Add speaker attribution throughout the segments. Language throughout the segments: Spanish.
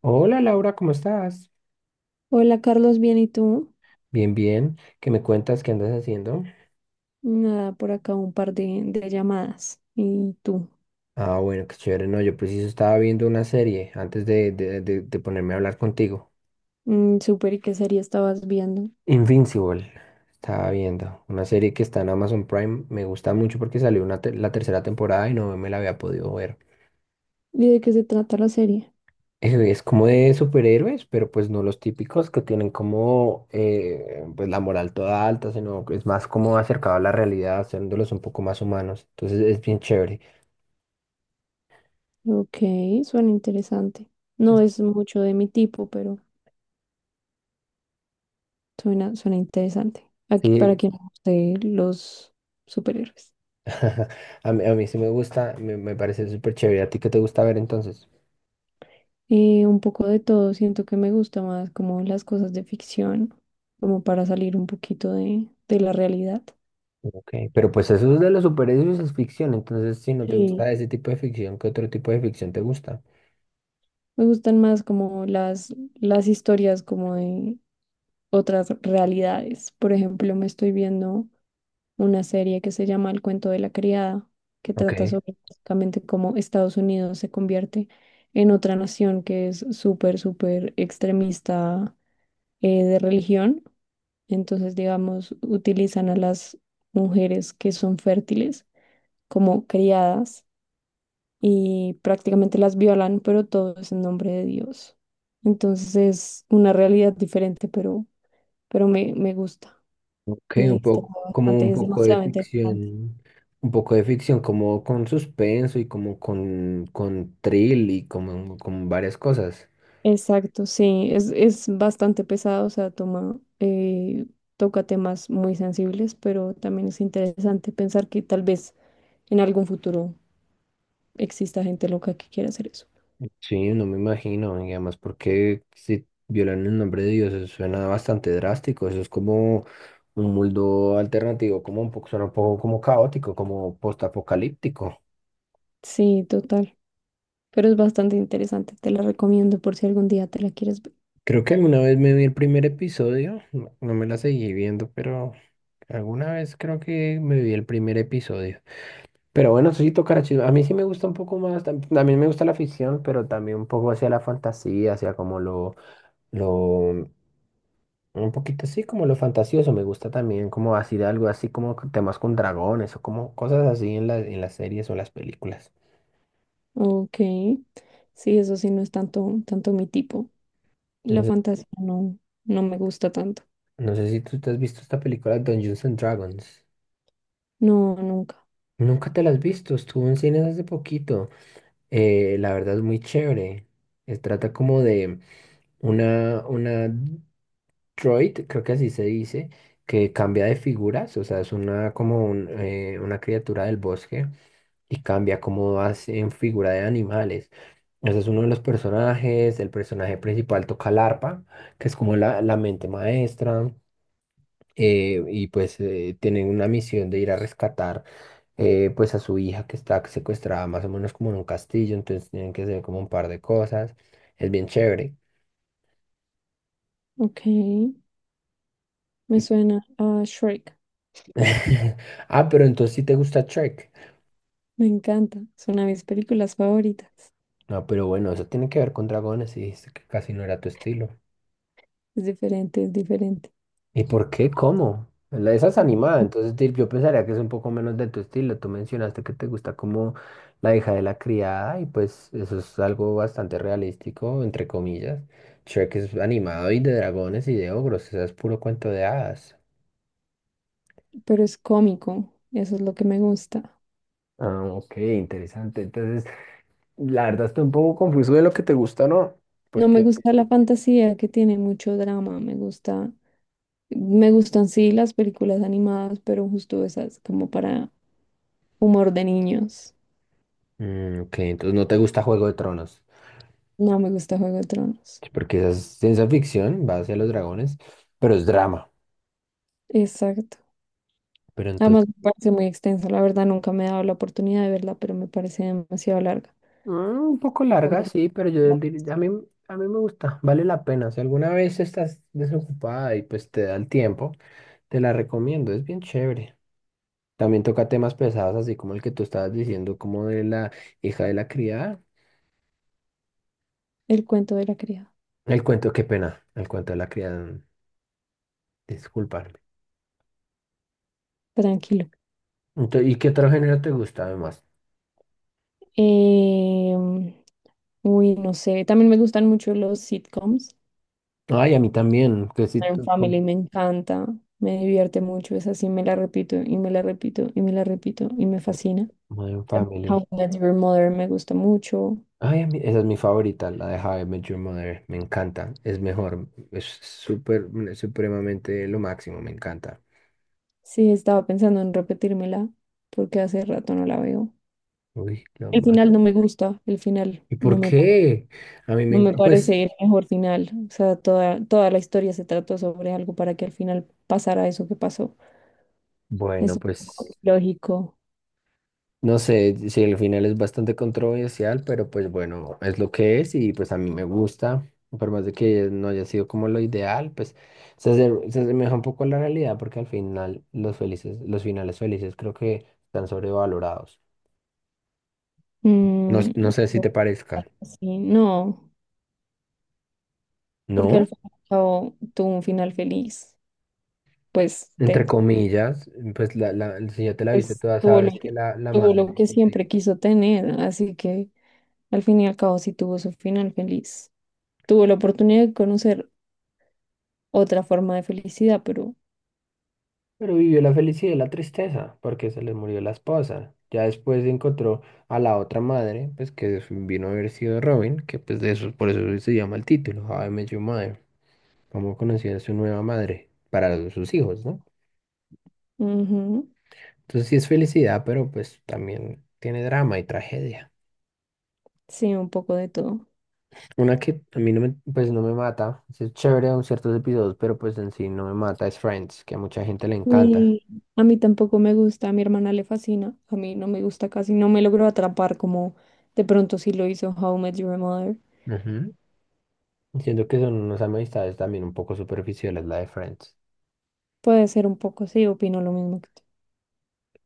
Speaker 1: Hola Laura, ¿cómo estás?
Speaker 2: Hola Carlos, bien, ¿y tú?
Speaker 1: Bien, bien. ¿Qué me cuentas? ¿Qué andas haciendo?
Speaker 2: Nada, por acá un par de llamadas. ¿Y tú?
Speaker 1: Ah, bueno, qué chévere. No, yo preciso estaba viendo una serie antes de ponerme a hablar contigo.
Speaker 2: Mm, súper, ¿y qué serie estabas viendo?
Speaker 1: Invincible. Estaba viendo una serie que está en Amazon Prime. Me gusta mucho porque salió la tercera temporada y no me la había podido ver.
Speaker 2: ¿Y de qué se trata la serie?
Speaker 1: Es como de superhéroes, pero pues no los típicos que tienen como pues la moral toda alta, sino que es más como acercado a la realidad, haciéndolos un poco más humanos. Entonces es bien chévere.
Speaker 2: Ok, suena interesante. No es mucho de mi tipo, pero suena interesante. Aquí para
Speaker 1: Sí,
Speaker 2: quien le guste los superhéroes.
Speaker 1: A mí sí me gusta, me parece súper chévere. ¿A ti qué te gusta ver entonces?
Speaker 2: Un poco de todo, siento que me gusta más como las cosas de ficción, como para salir un poquito de la realidad.
Speaker 1: Ok, pero pues eso es de los superhéroes, es ficción. Entonces, si no te
Speaker 2: Sí.
Speaker 1: gusta ese tipo de ficción, ¿qué otro tipo de ficción te gusta?
Speaker 2: Me gustan más como las historias como de otras realidades. Por ejemplo, me estoy viendo una serie que se llama El cuento de la criada, que
Speaker 1: Ok,
Speaker 2: trata sobre básicamente cómo Estados Unidos se convierte en otra nación que es súper extremista de religión. Entonces, digamos, utilizan a las mujeres que son fértiles como criadas y prácticamente las violan, pero todo es en nombre de Dios. Entonces es una realidad diferente, pero, me gusta.
Speaker 1: ok,
Speaker 2: Me
Speaker 1: un poco,
Speaker 2: distrajo
Speaker 1: como
Speaker 2: bastante, es demasiado interesante.
Speaker 1: un poco de ficción, como con suspenso y como con thrill y como con varias cosas.
Speaker 2: Exacto, sí, es bastante pesado, o sea, toma, toca temas muy sensibles, pero también es interesante pensar que tal vez en algún futuro exista gente loca que quiera hacer eso.
Speaker 1: Sí, no me imagino, y además porque si violan el nombre de Dios, eso suena bastante drástico, eso es como un mundo alternativo, como un poco, suena un poco como caótico, como postapocalíptico.
Speaker 2: Sí, total, pero es bastante interesante, te la recomiendo por si algún día te la quieres ver.
Speaker 1: Creo que alguna vez me vi el primer episodio, no, no me la seguí viendo, pero alguna vez creo que me vi el primer episodio. Pero bueno, sí tocará chido. A mí sí me gusta un poco más, también me gusta la ficción, pero también un poco hacia la fantasía, hacia como lo Un poquito así como lo fantasioso, me gusta también como así de algo así como con temas con dragones o como cosas así en en las series o las películas.
Speaker 2: Ok, sí, eso sí no es tanto mi tipo.
Speaker 1: No
Speaker 2: La
Speaker 1: sé,
Speaker 2: fantasía no, no me gusta tanto.
Speaker 1: no sé si tú te has visto esta película Dungeons and Dragons.
Speaker 2: No, nunca.
Speaker 1: Nunca te la has visto, estuvo en cines hace poquito. La verdad es muy chévere. Se trata como de una droid, creo que así se dice, que cambia de figuras, o sea, es una como un, una criatura del bosque y cambia cómo vas en figura de animales. Ese es uno de los personajes, el personaje principal toca el arpa, que es como la mente maestra, y pues tienen una misión de ir a rescatar, pues, a su hija que está secuestrada más o menos como en un castillo, entonces tienen que hacer como un par de cosas, es bien chévere.
Speaker 2: Ok, me
Speaker 1: Y-
Speaker 2: suena a Shrek.
Speaker 1: Ah, pero entonces sí te gusta Trek.
Speaker 2: Me encanta. Es una de mis películas favoritas.
Speaker 1: No, pero bueno, eso tiene que ver con dragones y dijiste que casi no era tu estilo.
Speaker 2: Es diferente.
Speaker 1: ¿Y por qué? ¿Cómo? La- Esa es animada, entonces yo pensaría que es un poco menos de tu estilo. Tú mencionaste que te gusta como la hija de la criada y pues eso es algo bastante realístico, entre comillas. Shrek es animado y de dragones y de ogros, eso es puro cuento de hadas.
Speaker 2: Pero es cómico. Eso es lo que me gusta.
Speaker 1: Ah, ok, interesante. Entonces, la verdad estoy un poco confuso de lo que te gusta, ¿no?
Speaker 2: No me
Speaker 1: Porque...
Speaker 2: gusta la fantasía que tiene mucho drama. Me gustan sí las películas animadas, pero justo esas como para humor de niños.
Speaker 1: Ok, entonces no te gusta Juego de Tronos,
Speaker 2: No me gusta Juego de Tronos.
Speaker 1: porque esa es ciencia ficción, va hacia los dragones, pero es drama.
Speaker 2: Exacto.
Speaker 1: Pero
Speaker 2: Además me parece muy extensa. La verdad nunca me he dado la oportunidad de verla, pero me parece demasiado larga.
Speaker 1: Un poco
Speaker 2: Con
Speaker 1: larga, sí, pero yo a mí me gusta, vale la pena. Si alguna vez estás desocupada y pues te da el tiempo, te la recomiendo, es bien chévere. También toca temas pesados, así como el que tú estabas diciendo, como de la hija de la criada.
Speaker 2: El cuento de la criada.
Speaker 1: El cuento, qué pena, el cuento de la criada, disculparme.
Speaker 2: Tranquilo.
Speaker 1: Entonces, ¿y qué otro género te gusta además?
Speaker 2: Em, no sé, también me gustan mucho los sitcoms.
Speaker 1: Ay, a mí también, que si...
Speaker 2: En Family me encanta, me divierte mucho, esa sí me la repito y me la repito y me la repito y me fascina.
Speaker 1: Modern
Speaker 2: También How
Speaker 1: Family.
Speaker 2: I Met Your Mother me gusta mucho.
Speaker 1: Ay, esa es mi favorita, la de How I Met Your Mother. Me encanta, es mejor, es súper, supremamente lo máximo, me encanta.
Speaker 2: Sí, estaba pensando en repetírmela porque hace rato no la veo.
Speaker 1: Uy, lo
Speaker 2: El final
Speaker 1: máximo.
Speaker 2: no me gusta, el final
Speaker 1: ¿Y
Speaker 2: no
Speaker 1: por
Speaker 2: me, pare-
Speaker 1: qué? A mí me
Speaker 2: no me
Speaker 1: encanta, pues,
Speaker 2: parece el mejor final. O sea, toda la historia se trató sobre algo para que al final pasara eso que pasó. Es
Speaker 1: bueno,
Speaker 2: un poco
Speaker 1: pues,
Speaker 2: lógico.
Speaker 1: no sé si el final es bastante controversial, pero pues bueno, es lo que es y pues a mí me gusta. Por más de que no haya sido como lo ideal, pues se, se asemeja un poco a la realidad porque al final los felices, los finales felices creo que están sobrevalorados. No, no sé si te parezca.
Speaker 2: Sí, no, porque al
Speaker 1: No,
Speaker 2: fin y al cabo tuvo un final feliz, pues
Speaker 1: entre
Speaker 2: Ted,
Speaker 1: comillas, pues si ya te la viste
Speaker 2: pues
Speaker 1: toda,
Speaker 2: tuvo
Speaker 1: sabes que la
Speaker 2: tuvo
Speaker 1: madre
Speaker 2: lo
Speaker 1: y
Speaker 2: que
Speaker 1: los
Speaker 2: siempre
Speaker 1: hijos.
Speaker 2: quiso tener, así que al fin y al cabo sí tuvo su final feliz. Tuvo la oportunidad de conocer otra forma de felicidad, pero
Speaker 1: Pero vivió la felicidad y la tristeza, porque se le murió la esposa. Ya después encontró a la otra madre, pues que vino a haber sido Robin, que pues de eso, por eso se llama el título, How I Met Your Mother, cómo conocía a su nueva madre para sus hijos, ¿no?
Speaker 2: ujú,
Speaker 1: Entonces sí es felicidad, pero pues también tiene drama y tragedia.
Speaker 2: sí, un poco de todo.
Speaker 1: Una que a mí no me, pues no me mata, sí es chévere en ciertos episodios, pero pues en sí no me mata, es Friends, que a mucha gente le encanta.
Speaker 2: Y a mí tampoco me gusta, a mi hermana le fascina, a mí no me gusta casi, no me logró atrapar como de pronto sí lo hizo How I Met Your Mother.
Speaker 1: Ujú. Siento que son unas amistades también un poco superficiales, la de Friends.
Speaker 2: Puede ser un poco, sí, opino lo mismo que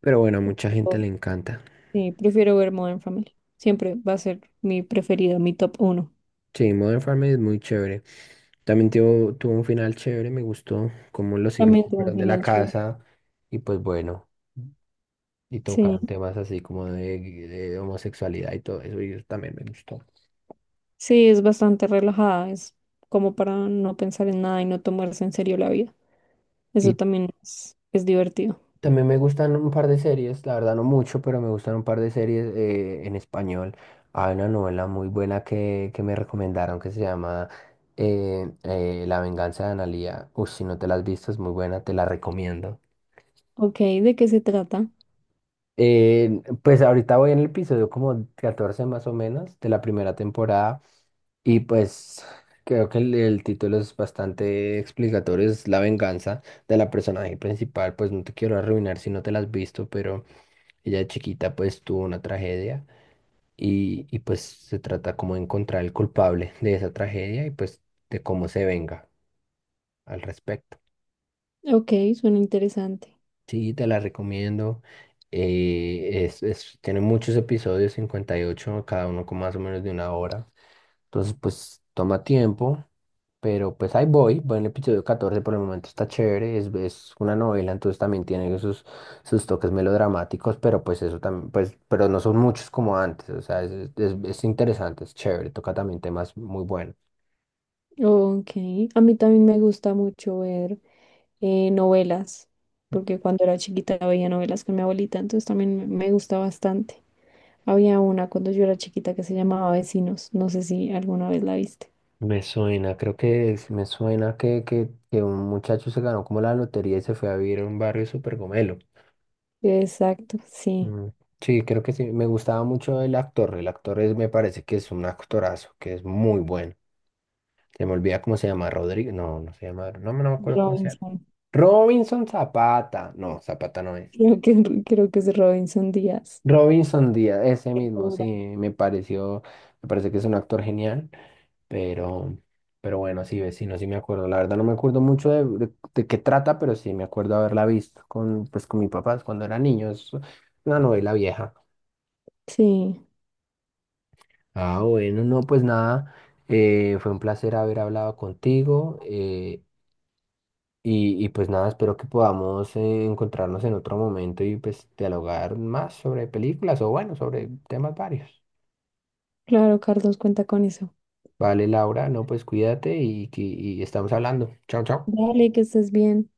Speaker 1: Pero bueno, a mucha gente le
Speaker 2: tú.
Speaker 1: encanta.
Speaker 2: Sí, prefiero ver Modern Family. Siempre va a ser mi preferido, mi top uno.
Speaker 1: Sí, Modern Family es muy chévere. También tuvo un final chévere, me gustó cómo los hijos
Speaker 2: También
Speaker 1: se
Speaker 2: tiene un
Speaker 1: fueron de la
Speaker 2: final chévere.
Speaker 1: casa y pues bueno, y
Speaker 2: Sí,
Speaker 1: tocaron temas así como de homosexualidad y todo eso, y eso también me gustó.
Speaker 2: sí, es bastante relajada. Es como para no pensar en nada y no tomarse en serio la vida. Eso
Speaker 1: Y
Speaker 2: también es divertido.
Speaker 1: también me gustan un par de series, la verdad no mucho, pero me gustan un par de series, en español. Hay una novela muy buena que me recomendaron que se llama, La venganza de Analía. Uy, si no te la has visto, es muy buena, te la recomiendo.
Speaker 2: Ok, ¿de qué se trata?
Speaker 1: Pues ahorita voy en el episodio como 14 más o menos de la primera temporada y pues creo que el título es bastante explicatorio, es La venganza de la personaje principal. Pues no te quiero arruinar si no te la has visto, pero... Ella de chiquita pues tuvo una tragedia y pues se trata como de encontrar el culpable de esa tragedia y pues de cómo se venga al respecto.
Speaker 2: Ok, suena interesante.
Speaker 1: Sí, te la recomiendo. Tiene muchos episodios, 58, cada uno con más o menos de una hora. Entonces pues toma tiempo. Pero pues ahí voy, voy en el episodio 14, por el momento está chévere, es una novela, entonces también tiene sus, toques melodramáticos, pero pues eso también, pues, pero no son muchos como antes, o sea, es interesante, es chévere, toca también temas muy buenos.
Speaker 2: Ok, a mí también me gusta mucho ver novelas, porque cuando era chiquita veía novelas con mi abuelita, entonces también me gusta bastante. Había una cuando yo era chiquita que se llamaba Vecinos. No sé si alguna vez la viste.
Speaker 1: Me suena, creo que me suena que un muchacho se ganó como la lotería y se fue a vivir a un barrio súper gomelo.
Speaker 2: Exacto, sí.
Speaker 1: Mm, sí, creo que sí, me gustaba mucho el actor es, me parece que es un actorazo, que es muy bueno. Se me olvida cómo se llama, Rodrigo. No, no se llama. No, no me acuerdo cómo se llama.
Speaker 2: Robinson.
Speaker 1: Robinson Zapata. No, Zapata no es.
Speaker 2: Creo que es Robinson Díaz.
Speaker 1: Robinson Díaz, ese mismo, sí,
Speaker 2: Segura.
Speaker 1: me pareció, me parece que es un actor genial, pero, pero bueno, sí, vecino, sí me acuerdo. La verdad no me acuerdo mucho de qué trata, pero sí me acuerdo haberla visto con, pues, con mis papás cuando era niño. Es una novela vieja.
Speaker 2: Sí,
Speaker 1: Ah, bueno, no, pues nada. Fue un placer haber hablado contigo. Y pues nada, espero que podamos encontrarnos en otro momento y pues dialogar más sobre películas o bueno, sobre temas varios.
Speaker 2: claro, Carlos, cuenta con eso.
Speaker 1: Vale, Laura, no, pues cuídate y, y estamos hablando. Chao, chao.
Speaker 2: Dale, que estés bien.